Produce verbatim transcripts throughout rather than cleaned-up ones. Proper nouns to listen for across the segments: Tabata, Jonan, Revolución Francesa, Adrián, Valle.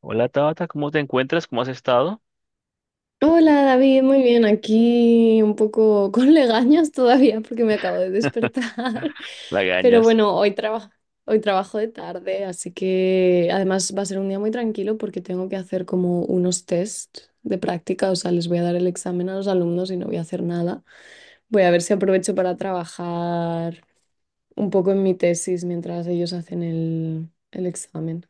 Hola Tabata, ¿cómo te encuentras? ¿Cómo has estado? Hola David, muy bien, aquí un poco con legañas todavía porque me acabo de despertar, pero Lagañas. bueno, hoy trabajo, hoy trabajo de tarde, así que además va a ser un día muy tranquilo porque tengo que hacer como unos test de práctica, o sea, les voy a dar el examen a los alumnos y no voy a hacer nada. Voy a ver si aprovecho para trabajar un poco en mi tesis mientras ellos hacen el, el examen.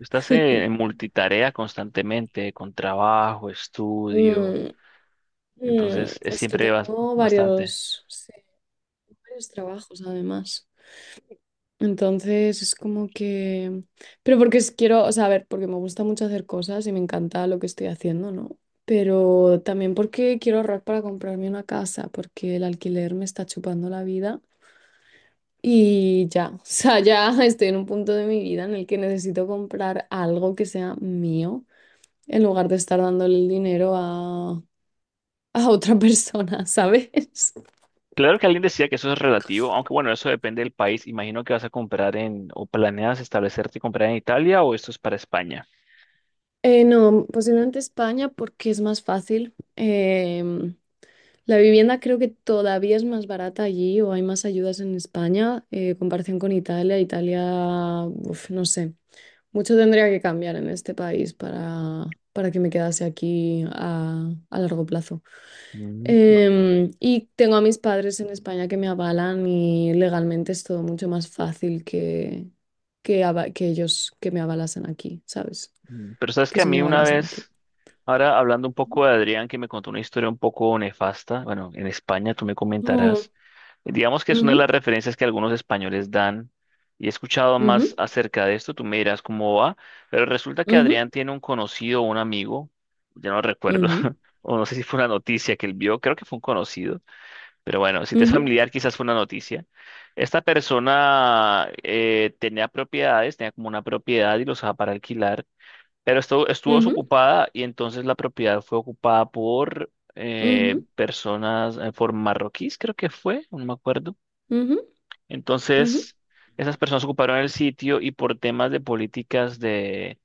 Estás eh, en multitarea constantemente, con trabajo, estudio, Mm, mm, entonces es es que siempre bas- tengo bastante. varios, sí, varios trabajos además. Entonces es como que... Pero porque es- quiero, o sea, a ver, porque me gusta mucho hacer cosas y me encanta lo que estoy haciendo, ¿no? Pero también porque quiero ahorrar para comprarme una casa, porque el alquiler me está chupando la vida y ya, o sea, ya estoy en un punto de mi vida en el que necesito comprar algo que sea mío en lugar de estar dándole el dinero a, a otra persona, ¿sabes? Claro que alguien decía que eso es relativo, aunque bueno, eso depende del país. Imagino que vas a comprar en, o planeas establecerte y comprar en Italia o esto es para España. Eh, no, posiblemente España porque es más fácil. Em, la vivienda creo que todavía es más barata allí o hay más ayudas en España, eh, en comparación con Italia. Italia, uf, no sé, mucho tendría que cambiar en este país para, para que me quedase aquí a, a largo plazo. Mm, ma- Em, y tengo a mis padres en España que me avalan y legalmente es todo mucho más fácil que, que, ava- que ellos que me avalasen aquí, ¿sabes? mm, Pero sabes Que que a si me mí una avalasen aquí. vez, ahora hablando un poco de Adrián, que me contó una historia un poco nefasta, bueno, en España tú me No. comentarás. Digamos que es una de Ujú, las referencias que algunos españoles dan y he escuchado más ujú, acerca de esto, tú me dirás cómo va, pero resulta que ujú, Adrián tiene un conocido, o un amigo, ya no recuerdo, ujú, o no sé si fue una noticia que él vio, creo que fue un conocido, pero bueno, si te es ujú, familiar quizás fue una noticia. Esta persona eh, tenía propiedades, tenía como una propiedad y los dejaba para alquilar, pero esto, estuvo ujú, desocupada y entonces la propiedad fue ocupada por... eh, ujú, personas eh, por marroquíes, creo que fue, no me acuerdo. ujú, ujú, Entonces, esas personas ocuparon el sitio y por temas de políticas de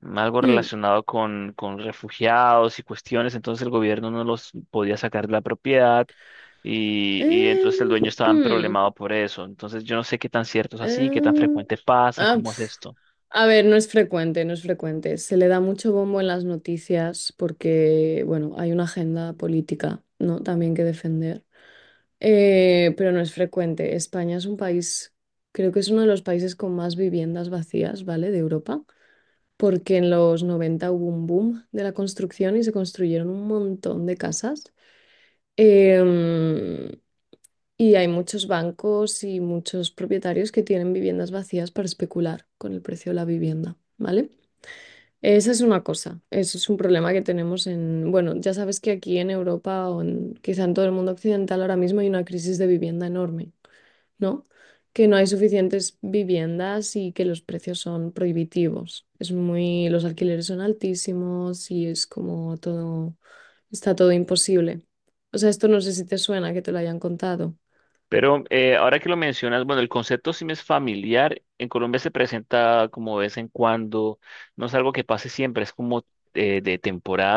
algo mm. relacionado con, con refugiados y cuestiones, entonces el gobierno no los podía sacar de la propiedad y, y entonces el Em, dueño estaba hmm, problemado por eso. Entonces, yo no sé qué tan cierto es así, qué tan em, frecuente pasa, ah, cómo es pf. esto. A ver, no es frecuente, no es frecuente. Se le da mucho bombo en las noticias porque, bueno, hay una agenda política, ¿no? También que defender. Eh, pero no es frecuente. España es un país, creo que es uno de los países con más viviendas vacías, ¿vale? De Europa. Porque en los noventa hubo un boom de la construcción y se construyeron un montón de casas. Em, y hay muchos bancos y muchos propietarios que tienen viviendas vacías para especular con el precio de la vivienda, ¿vale? Esa es una cosa, eso es un problema que tenemos en, bueno, ya sabes que aquí en Europa o en, quizá en todo el mundo occidental ahora mismo hay una crisis de vivienda enorme. ¿No? Que no hay suficientes viviendas y que los precios son prohibitivos. Es muy, los alquileres son altísimos y es como todo, está todo imposible. O sea, esto no sé si te suena que te lo hayan contado. Pero eh, ahora que lo mencionas, bueno, el concepto sí me es familiar. En Colombia se presenta como de vez en cuando, no es algo que pase siempre, es como eh, de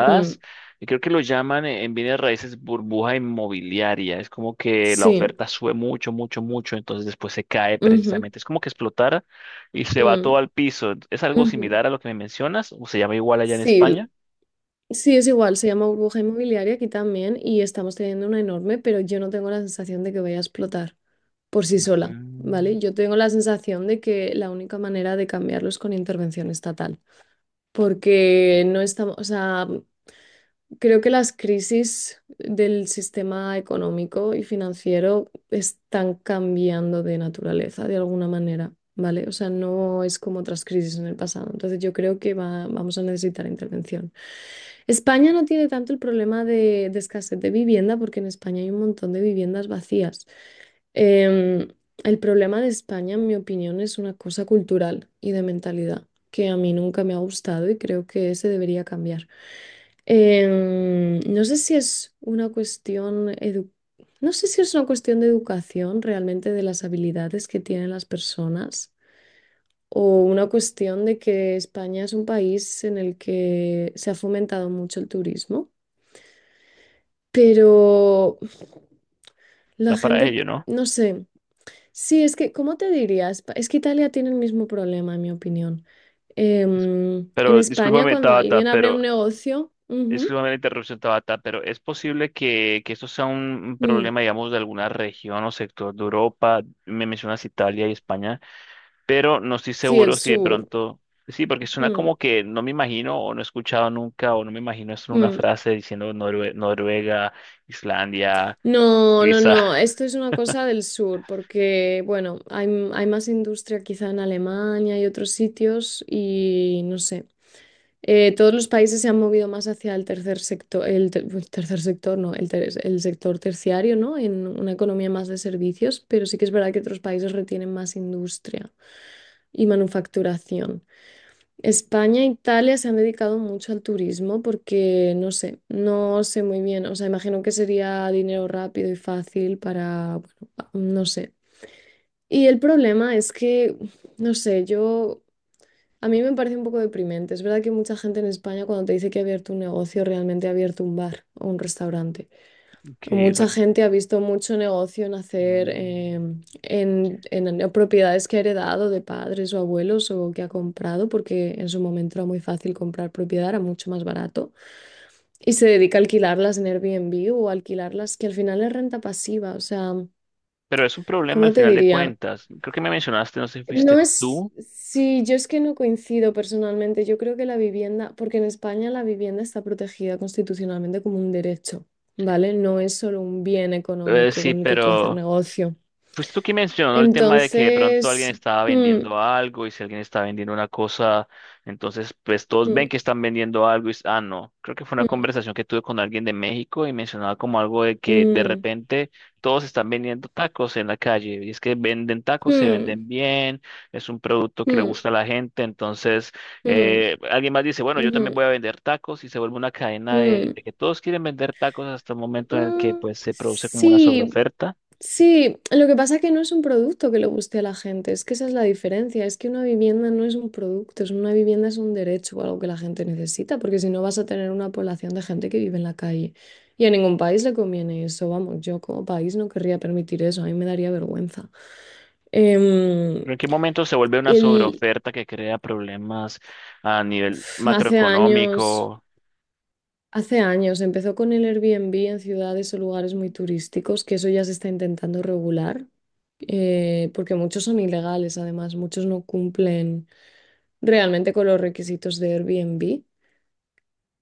Mm, Y creo que lo llaman eh, en bienes raíces burbuja inmobiliaria. Es como que la sí. oferta sube mucho, mucho, mucho, entonces después se cae Ujú, precisamente. Es como que explotara y se va todo mm, al piso. ¿Es algo ujú. similar a lo que me mencionas? ¿O se llama igual allá en Sí, España? sí, es igual, se llama burbuja inmobiliaria aquí también y estamos teniendo una enorme, pero yo no tengo la sensación de que vaya a explotar por sí sola, ¿vale? Mm. Yo tengo la sensación de que la única manera de cambiarlo es con intervención estatal, porque no estamos, o sea, creo que las crisis del sistema económico y financiero están cambiando de naturaleza de alguna manera, ¿vale? O sea, no es como otras crisis en el pasado, entonces yo creo que va- vamos a necesitar intervención. España no tiene tanto el problema de, de escasez de vivienda porque en España hay un montón de viviendas vacías. Em, el problema de España, en mi opinión, es una cosa cultural y de mentalidad que a mí nunca me ha gustado y creo que se debería cambiar. Em, no sé si es una cuestión edu- no sé si es una cuestión de educación realmente de las habilidades que tienen las personas. O una cuestión de que España es un país en el que se ha fomentado mucho el turismo. Pero la Da para gente, ello, ¿no? no sé. Sí, es que, ¿cómo te dirías? Es que Italia tiene el mismo problema, en mi opinión. Em, en Pero España, discúlpame, cuando tata. alguien abre Pero un negocio, ujú, disculpame la interrupción, Tabata, pero ¿es posible que, que esto sea un mm, problema, digamos, de alguna región o sector de Europa? Me mencionas Italia y España, pero no estoy sí, el seguro si de sur. pronto... Sí, porque suena Mm, como que no me imagino o no he escuchado nunca o no me imagino eso en una mm. frase diciendo Norue- Noruega, Islandia, No, no, Suiza. no, esto es una cosa del sur, porque, bueno, hay, hay más industria quizá en Alemania y otros sitios y no sé. Eh, todos los países se han movido más hacia el tercer sector, el ter- pues, tercer sector, no, el, ter- el sector terciario, ¿no? En una economía más de servicios, pero sí que es verdad que otros países retienen más industria y manufacturación. España e Italia se han dedicado mucho al turismo porque, no sé, no sé muy bien, o sea, imagino que sería dinero rápido y fácil para, bueno, pa- no sé. Y el problema es que, no sé, yo. A mí me parece un poco deprimente. Es verdad que mucha gente en España cuando te dice que ha abierto un negocio, realmente ha abierto un bar o un restaurante. Ok, O o sea, mucha gente ha visto mucho negocio nacer mm, em, en, en- en propiedades que ha heredado de padres o abuelos o que ha comprado, porque en su momento era muy fácil comprar propiedad, era mucho más barato. Y se dedica a alquilarlas en Airbnb o alquilarlas, que al final es renta pasiva. O sea, pero es un problema al ¿cómo te final de diría? cuentas. Creo que me mencionaste, no sé si No fuiste es, tú. sí, yo es que no coincido personalmente. Yo creo que la vivienda, porque en España la vivienda está protegida constitucionalmente como un derecho, ¿vale? No es solo un bien Eh, económico Sí, con el que tú hacer pero... negocio. Pues tú que mencionó el tema de que de pronto alguien Entonces, estaba mm, vendiendo algo y si alguien está vendiendo una cosa, entonces pues todos mm, ven que están vendiendo algo y s- ah no, creo que fue una mm, conversación que tuve con alguien de México y mencionaba como algo de que de mm, repente todos están vendiendo tacos en la calle y es que venden tacos, se mm, venden bien, es un producto que le mm, gusta a la gente, entonces mm, eh, alguien más dice, bueno, yo ujú, también voy a vender tacos y se vuelve una cadena de, mm, de que todos quieren vender tacos hasta el mm, momento en el que mm, pues se produce como una sí. sobreoferta. Sí, lo que pasa es que no es un producto que le guste a la gente, es que esa es la diferencia, es que una vivienda no es un producto, es una vivienda es un derecho o algo que la gente necesita, porque si no vas a tener una población de gente que vive en la calle. Y a ningún país le conviene eso, vamos, yo como país no querría permitir eso, a mí me daría vergüenza. Em, ¿Pero en qué momento se vuelve una el, sobreoferta que crea problemas a nivel hace años... macroeconómico? Hace años empezó con el Airbnb en ciudades o lugares muy turísticos, que eso ya se está intentando regular, eh, porque muchos son ilegales, además, muchos no cumplen realmente con los requisitos de Airbnb.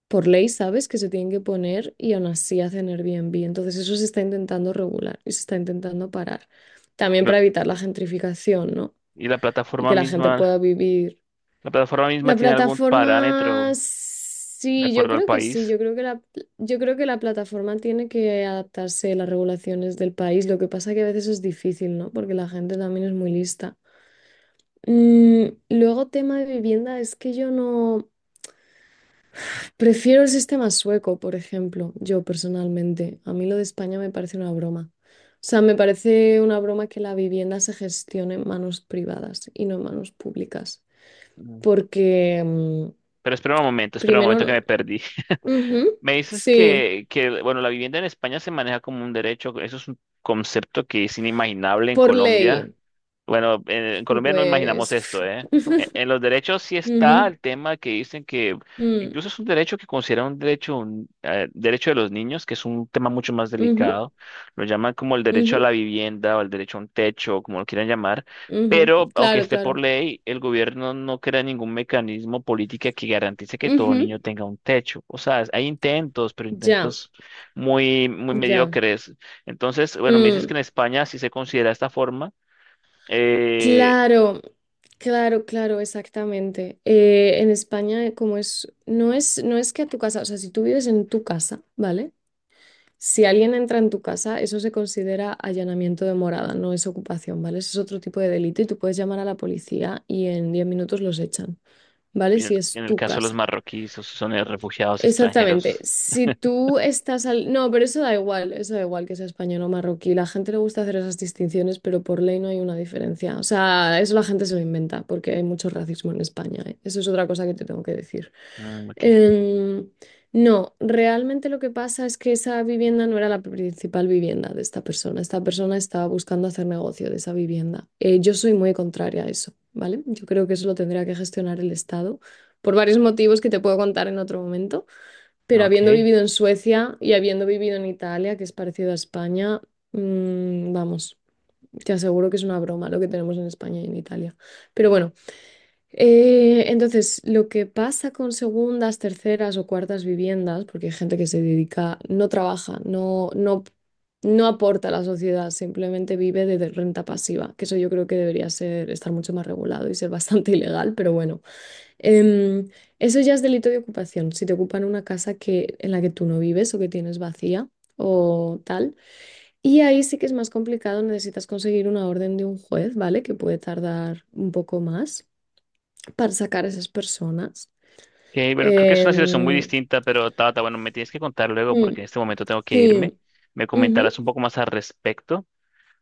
Por ley sabes que se tienen que poner y aún así hacen Airbnb. Entonces eso se está intentando regular y se está intentando parar. También Pero, para evitar la gentrificación, ¿no? y la Y plataforma que la gente misma, pueda vivir. ¿la plataforma misma La tiene algún parámetro plataforma, de sí, yo acuerdo al creo que sí, país? yo creo que la, yo creo que la plataforma tiene que adaptarse a las regulaciones del país. Lo que pasa que a veces es difícil, ¿no? Porque la gente también es muy lista. Mm, luego, tema de vivienda, es que yo no prefiero el sistema sueco, por ejemplo, yo personalmente. A mí lo de España me parece una broma. O sea, me parece una broma que la vivienda se gestione en manos privadas y no en manos públicas. Mm. Porque, mm, Pero espera un momento, espera un primero, momento que me no. perdí. Ujú, Me dices sí, que, que, bueno, la vivienda en España se maneja como un derecho. Eso es un concepto que es inimaginable en por Colombia. ley. Bueno, en, en Y Colombia no imaginamos pues. esto, ¿eh? En, en los derechos sí está Ujú, el tema que dicen que mm, incluso es un derecho que consideran un derecho, un eh, derecho de los niños, que es un tema mucho más ujú, delicado. Lo llaman como el derecho a ujú, la vivienda o el derecho a un techo, como lo quieran llamar. ujú, Pero aunque claro, esté por claro. ley, el gobierno no crea ningún mecanismo política que garantice que todo Ujú, niño tenga un techo. O sea, hay intentos, pero ya, intentos muy, muy ya. mediocres. Entonces, bueno, me dices Mm, que en España sí se considera esta forma. Eh, claro, claro, claro, exactamente. Eh, en España, eh, como es, no es, no es que a tu casa, o sea, si tú vives en tu casa, ¿vale? Si alguien entra en tu casa, eso se considera allanamiento de morada, no es ocupación, ¿vale? Eso es otro tipo de delito y tú puedes llamar a la policía y en diez minutos los echan. ¿Vale? y en Si el es en el tu caso de los casa. marroquíes, esos son eh, refugiados Exactamente. extranjeros. Si tú estás al... No, pero eso da igual, eso da igual que sea español o marroquí. La gente le gusta hacer esas distinciones, pero por ley no hay una diferencia. O sea, eso la gente se lo inventa porque hay mucho racismo en España, ¿eh? Eso es otra cosa que te tengo que decir. Mm, ok, Em, no, realmente lo que pasa es que esa vivienda no era la principal vivienda de esta persona. Esta persona estaba buscando hacer negocio de esa vivienda. Eh, yo soy muy contraria a eso, ¿vale? Yo creo que eso lo tendría que gestionar el Estado por varios motivos que te puedo contar en otro momento, pero habiendo ok. vivido en Suecia y habiendo vivido en Italia, que es parecido a España, mm, vamos, te aseguro que es una broma lo que tenemos en España y en Italia. Pero bueno, eh, entonces lo que pasa con segundas, terceras o cuartas viviendas, porque hay gente que se dedica, no trabaja, no, no, no aporta a la sociedad, simplemente vive de de renta pasiva, que eso yo creo que debería ser, estar mucho más regulado y ser bastante ilegal, pero bueno. Em, Eso ya es delito de ocupación. Si te ocupan una casa que, en la que tú no vives o que tienes vacía o tal. Y ahí sí que es más complicado, necesitas conseguir una orden de un juez, ¿vale? Que puede tardar un poco más para sacar a esas personas. Ok, bueno, creo que es una situación muy Em, distinta, pero Tabata, bueno, me tienes que contar luego mm, porque en este momento tengo que sí, irme. Me ujú, comentarás un poco más al respecto,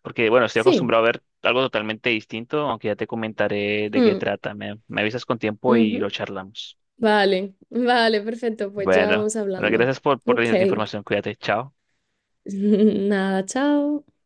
porque bueno, estoy sí. acostumbrado a ver algo totalmente distinto, aunque ya te comentaré de qué Mm, trata. Me, me avisas con tiempo y lo ujú. charlamos. Vale, vale, perfecto. Pues ya Bueno, vamos bueno, hablando. gracias por, por la Ok. información. Cuídate, chao. Nada, chao.